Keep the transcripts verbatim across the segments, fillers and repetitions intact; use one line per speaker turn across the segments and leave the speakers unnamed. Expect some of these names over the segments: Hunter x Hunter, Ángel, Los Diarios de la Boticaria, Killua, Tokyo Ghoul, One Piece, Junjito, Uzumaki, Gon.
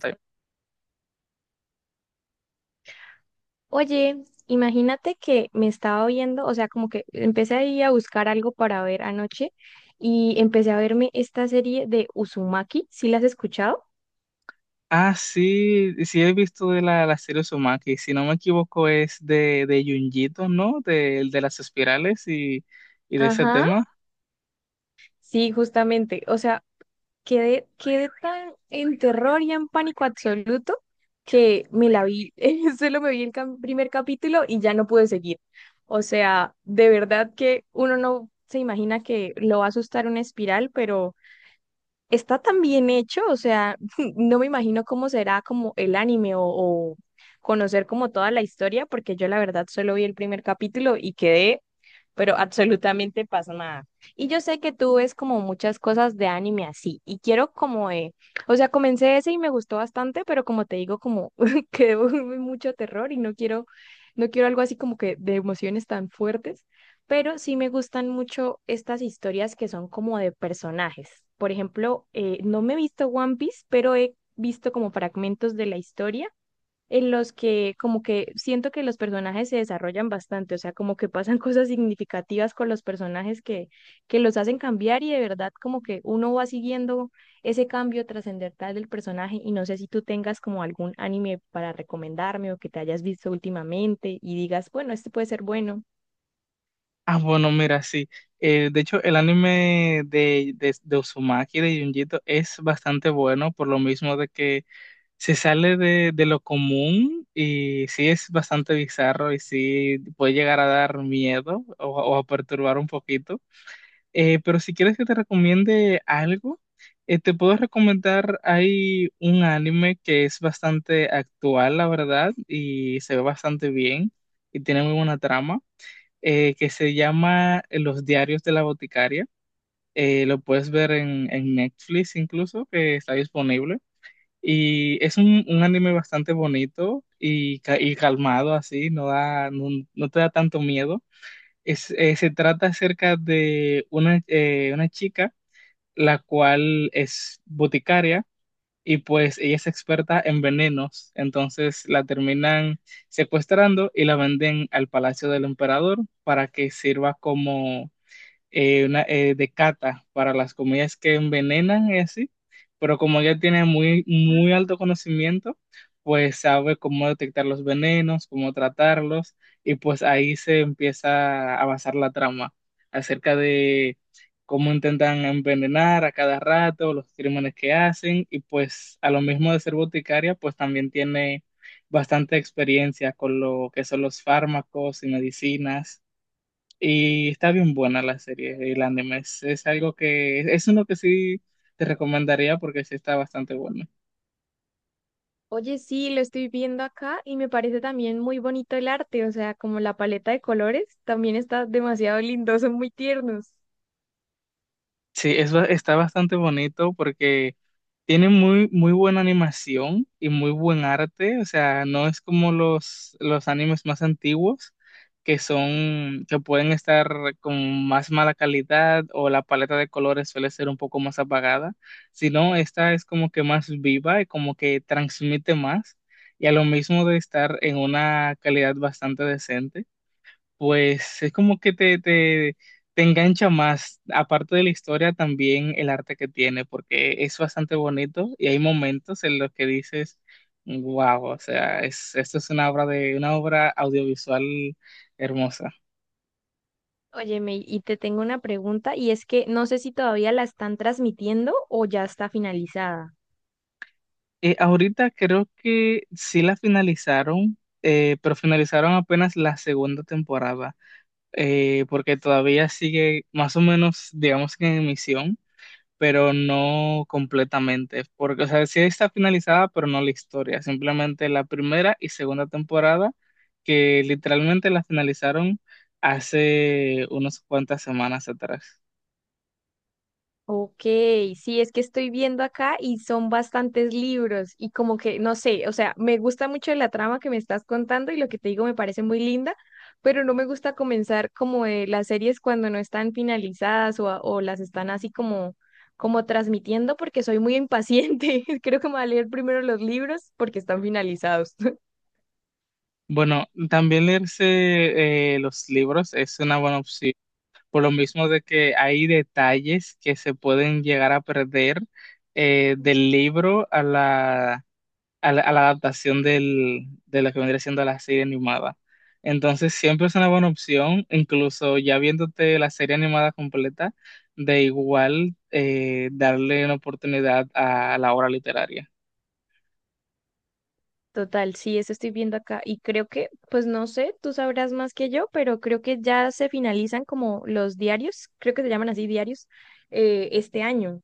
Time.
Oye, imagínate que me estaba viendo, o sea, como que empecé ahí a buscar algo para ver anoche y empecé a verme esta serie de Uzumaki, ¿sí la has escuchado?
Ah, sí, sí he visto de la, la serie Uzumaki, si no me equivoco es de, de Junjito, ¿no? De, de las espirales y, y de ese
Ajá,
tema.
sí, justamente. O sea, quedé, quedé tan en terror y en pánico absoluto que me la vi, solo me vi el cam- primer capítulo y ya no pude seguir. O sea, de verdad que uno no se imagina que lo va a asustar una espiral, pero está tan bien hecho, o sea, no me imagino cómo será como el anime o, o conocer como toda la historia, porque yo la verdad solo vi el primer capítulo y quedé pero absolutamente pasa nada. Y yo sé que tú ves como muchas cosas de anime así, y quiero como, eh, o sea, comencé ese y me gustó bastante, pero como te digo, como que debo mucho terror y no quiero, no quiero algo así como que de emociones tan fuertes, pero sí me gustan mucho estas historias que son como de personajes. Por ejemplo, eh, no me he visto One Piece, pero he visto como fragmentos de la historia en los que como que siento que los personajes se desarrollan bastante, o sea, como que pasan cosas significativas con los personajes que, que los hacen cambiar y de verdad como que uno va siguiendo ese cambio trascendental del personaje y no sé si tú tengas como algún anime para recomendarme o que te hayas visto últimamente y digas, bueno, este puede ser bueno.
Ah, bueno, mira, sí. Eh, de hecho, el anime de, de, de Uzumaki, de Junjito, es bastante bueno, por lo mismo de que se sale de, de lo común y sí es bastante bizarro y sí puede llegar a dar miedo o, o a perturbar un poquito. Eh, pero si quieres que te recomiende algo, eh, te puedo recomendar, hay un anime que es bastante actual, la verdad, y se ve bastante bien y tiene muy buena trama, eh, que se llama eh, Los Diarios de la Boticaria. Eh, lo puedes ver en, en Netflix incluso, que está disponible. Y es un, un anime bastante bonito y, ca- y calmado así, no da, no no te da tanto miedo. Es- eh, se trata acerca de una, eh, una chica la cual es boticaria y pues ella es experta en venenos, entonces la terminan secuestrando y la venden al palacio del emperador para que sirva como eh, una, eh, de cata para las comidas que envenenan y así, pero como ella tiene muy, muy alto conocimiento, pues sabe cómo detectar los venenos, cómo tratarlos, y pues ahí se empieza a avanzar la trama acerca de cómo intentan envenenar a cada rato, los crímenes que hacen, y pues a lo mismo de ser boticaria, pues también tiene bastante experiencia con lo que son los fármacos y medicinas y está bien buena la serie, el anime. Es, es algo que es uno que sí te recomendaría porque sí está bastante bueno.
Oye, sí, lo estoy viendo acá y me parece también muy bonito el arte, o sea, como la paleta de colores también está demasiado lindo, son muy tiernos.
Sí, eso está bastante bonito porque tiene muy, muy buena animación y muy buen arte. O sea, no es como los, los animes más antiguos que son, que pueden estar con más mala calidad o la paleta de colores suele ser un poco más apagada, sino esta es como que más viva y como que transmite más y a lo mismo de estar en una calidad bastante decente. Pues es como que te, te, te engancha más, aparte de la historia, también el arte que tiene, porque es bastante bonito y hay momentos en los que dices, wow, o sea, es, esto es una obra de, una obra audiovisual hermosa.
Óyeme, y te tengo una pregunta, y es que no sé si todavía la están transmitiendo o ya está finalizada.
Eh, ahorita creo que sí la finalizaron, eh, pero finalizaron apenas la segunda temporada, eh, porque todavía sigue más o menos, digamos que en emisión pero no completamente, porque, o sea, sí está finalizada, pero no la historia, simplemente la primera y segunda temporada, que literalmente la finalizaron hace unas cuantas semanas atrás.
Ok, sí, es que estoy viendo acá y son bastantes libros y como que, no sé, o sea, me gusta mucho la trama que me estás contando y lo que te digo me parece muy linda, pero no me gusta comenzar como eh, las series cuando no están finalizadas o, a- o las están así como, como transmitiendo porque soy muy impaciente. Creo que me voy a leer primero los libros porque están finalizados.
Bueno, también leerse eh, los libros es una buena opción, por lo mismo de que hay detalles que se pueden llegar a perder eh, del libro a la a la, a la adaptación del, de lo que vendría siendo la serie animada. Entonces siempre es una buena opción, incluso ya viéndote la serie animada completa, de igual eh, darle una oportunidad a la obra literaria.
Total, sí, eso estoy viendo acá. Y creo que, pues no sé, tú sabrás más que yo, pero creo que ya se finalizan como los diarios, creo que se llaman así diarios, eh, este año,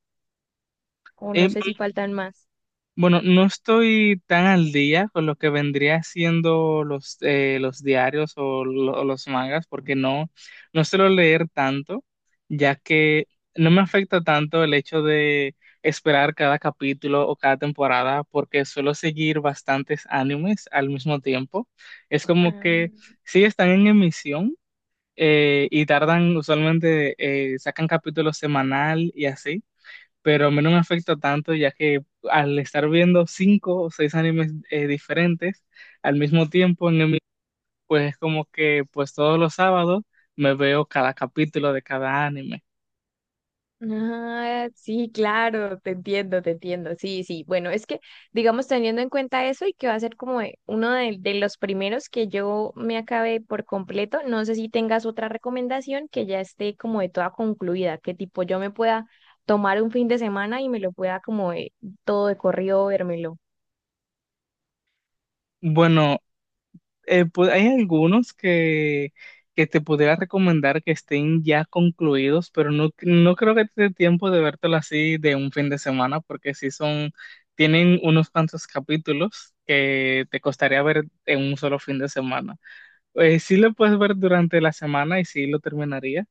o
Eh,
no sé si faltan más.
Bueno, no estoy tan al día con lo que vendría siendo los, eh, los diarios o, lo- o los mangas, porque no, no suelo leer tanto, ya que no me afecta tanto el hecho de esperar cada capítulo o cada temporada, porque suelo seguir bastantes animes al mismo tiempo. Es como que sí están en emisión eh, y tardan, usualmente eh, sacan capítulo semanal y así, pero a mí no me afecta tanto, ya que al estar viendo cinco o seis animes eh, diferentes al mismo tiempo, en el mi- pues es como que pues todos los sábados me veo cada capítulo de cada anime.
Ah, sí, claro, te entiendo, te entiendo. Sí, sí. Bueno, es que, digamos, teniendo en cuenta eso y que va a ser como eh, uno de, de los primeros que yo me acabe por completo, no sé si tengas otra recomendación que ya esté como de toda concluida, que tipo yo me pueda tomar un fin de semana y me lo pueda como de todo de corrido, vérmelo.
Bueno, eh, pues hay algunos que, que te pudiera recomendar que estén ya concluidos, pero no, no creo que te dé tiempo de vértelo así de un fin de semana, porque sí son, tienen unos cuantos capítulos que te costaría ver en un solo fin de semana. Eh, sí lo puedes ver durante la semana y sí lo terminaría.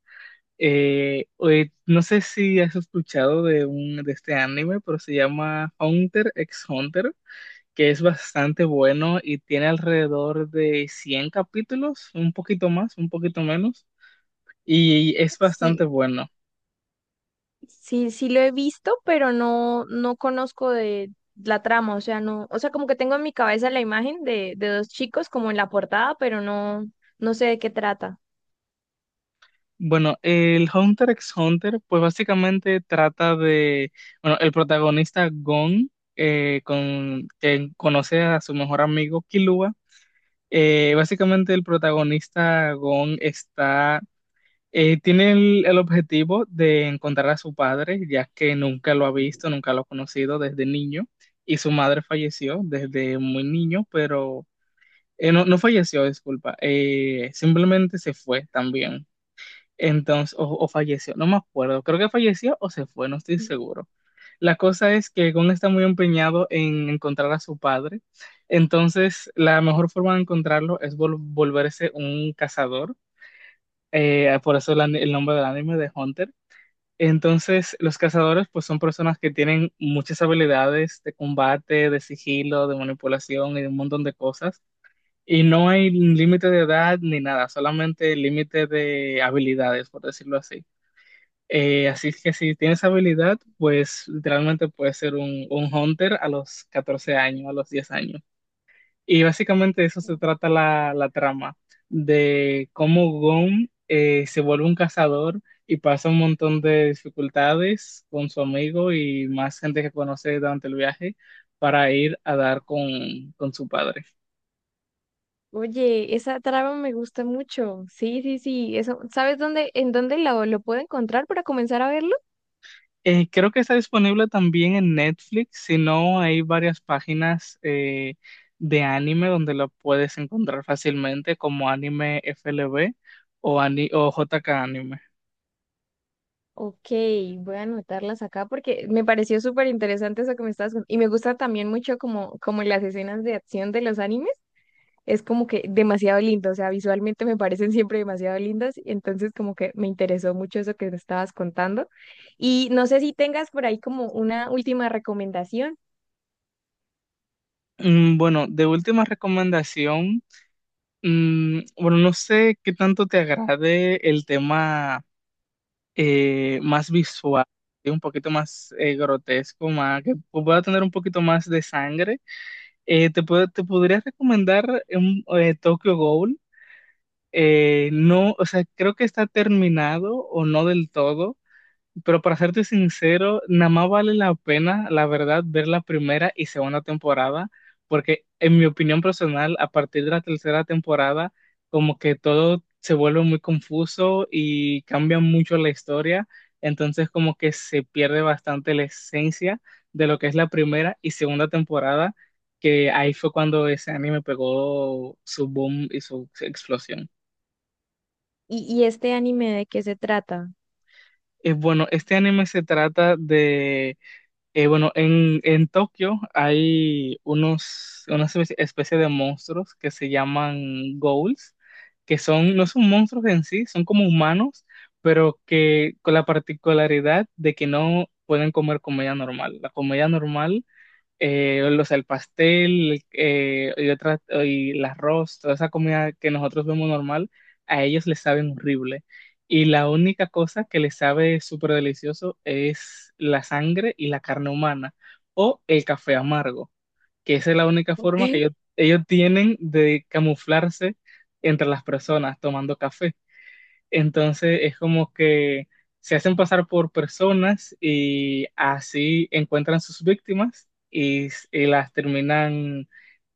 Eh, eh, no sé si has escuchado de, un, de este anime, pero se llama Hunter x Hunter, que es bastante bueno y tiene alrededor de cien capítulos, un poquito más, un poquito menos, y es bastante
Sí,
bueno.
sí, sí lo he visto, pero no, no conozco de la trama, o sea, no, o sea, como que tengo en mi cabeza la imagen de, de dos chicos como en la portada, pero no, no sé de qué trata.
Bueno, el Hunter x Hunter, pues básicamente trata de, bueno, el protagonista Gon, eh, con, que conoce a su mejor amigo Killua. Eh, básicamente el protagonista Gon está, eh, tiene el, el objetivo de encontrar a su padre, ya que nunca lo ha visto, nunca lo ha conocido desde niño, y su madre falleció desde muy niño, pero eh, no, no falleció, disculpa, eh, simplemente se fue también. Entonces, o, o falleció, no me acuerdo, creo que falleció o se fue, no estoy seguro. La cosa es que Gon está muy empeñado en encontrar a su padre, entonces la mejor forma de encontrarlo es vol- volverse un cazador, eh, por eso el, an- el nombre del anime de Hunter. Entonces, los cazadores pues son personas que tienen muchas habilidades de combate, de sigilo, de manipulación y de un montón de cosas. Y no hay límite de edad ni nada, solamente límite de habilidades, por decirlo así. Eh, así es que si tienes habilidad, pues literalmente puedes ser un, un hunter a los catorce años, a los diez años. Y básicamente de eso se trata la, la trama, de cómo Gon eh, se vuelve un cazador y pasa un montón de dificultades con su amigo y más gente que conoce durante el viaje para ir a dar con, con su padre.
Oye, esa trama me gusta mucho. Sí, sí, sí. Eso, ¿sabes dónde, en dónde lo, lo puedo encontrar para comenzar a verlo?
Eh, creo que está disponible también en Netflix, si no hay varias páginas eh, de anime donde lo puedes encontrar fácilmente como Anime F L B o, ani- o J K Anime.
Ok, voy a anotarlas acá porque me pareció súper interesante eso que me estabas contando. Y me gusta también mucho como, como las escenas de acción de los animes. Es como que demasiado lindo, o sea, visualmente me parecen siempre demasiado lindas, y entonces como que me interesó mucho eso que me estabas contando. Y no sé si tengas por ahí como una última recomendación.
Mm, bueno, de última recomendación, mm, bueno, no sé qué tanto te agrade el tema eh, más visual, ¿sí? Un poquito más eh, grotesco, más, que pueda tener un poquito más de sangre. Eh, te, puedo- te podría recomendar un, eh, Tokyo Ghoul. Eh, no, o sea, creo que está terminado o no del todo, pero para serte sincero, nada más vale la pena, la verdad, ver la primera y segunda temporada, porque en mi opinión personal, a partir de la tercera temporada, como que todo se vuelve muy confuso y cambia mucho la historia, entonces como que se pierde bastante la esencia de lo que es la primera y segunda temporada, que ahí fue cuando ese anime pegó su boom y su explosión.
¿Y, y este anime de qué se trata?
Eh, bueno, este anime se trata de, eh, bueno, en, en Tokio hay unos, una espe- especie de monstruos que se llaman ghouls, que son, no son monstruos en sí, son como humanos, pero que con la particularidad de que no pueden comer comida normal. La comida normal eh, o sea, el pastel eh, y, otras y el arroz, toda esa comida que nosotros vemos normal, a ellos les saben horrible. Y la única cosa que les sabe súper delicioso es la sangre y la carne humana o el café amargo, que esa es la única forma que ellos, ellos tienen de camuflarse entre las personas tomando café. Entonces es como que se hacen pasar por personas y así encuentran sus víctimas y, s- y las terminan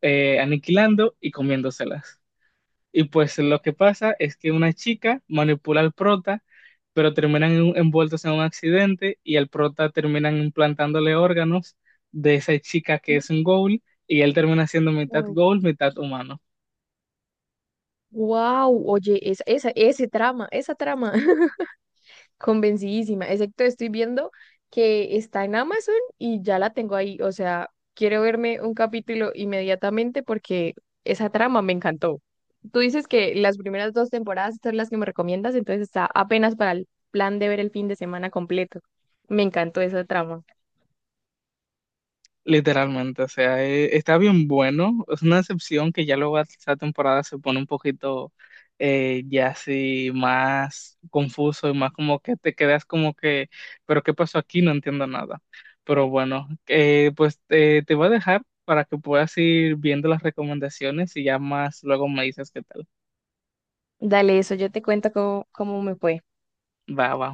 eh, aniquilando y comiéndoselas. Y pues lo que pasa es que una chica manipula al prota, pero terminan en- un- envueltos en un accidente y al prota terminan implantándole órganos de esa chica que es un ghoul y él termina siendo mitad ghoul, mitad humano.
Wow, oye, esa, esa, ese trama, esa trama. Convencidísima, excepto estoy viendo que está en Amazon y ya la tengo ahí, o sea, quiero verme un capítulo inmediatamente porque esa trama me encantó. Tú dices que las primeras dos temporadas son las que me recomiendas, entonces está apenas para el plan de ver el fin de semana completo. Me encantó esa trama.
Literalmente, o sea, eh, está bien bueno. Es una excepción que ya luego esta temporada se pone un poquito eh, ya así más confuso y más como que te quedas como que, pero ¿qué pasó aquí? No entiendo nada. Pero bueno, eh, pues eh, te voy a dejar para que puedas ir viendo las recomendaciones y ya más luego me dices qué tal.
Dale eso, yo te cuento cómo, cómo me fue.
Va, va.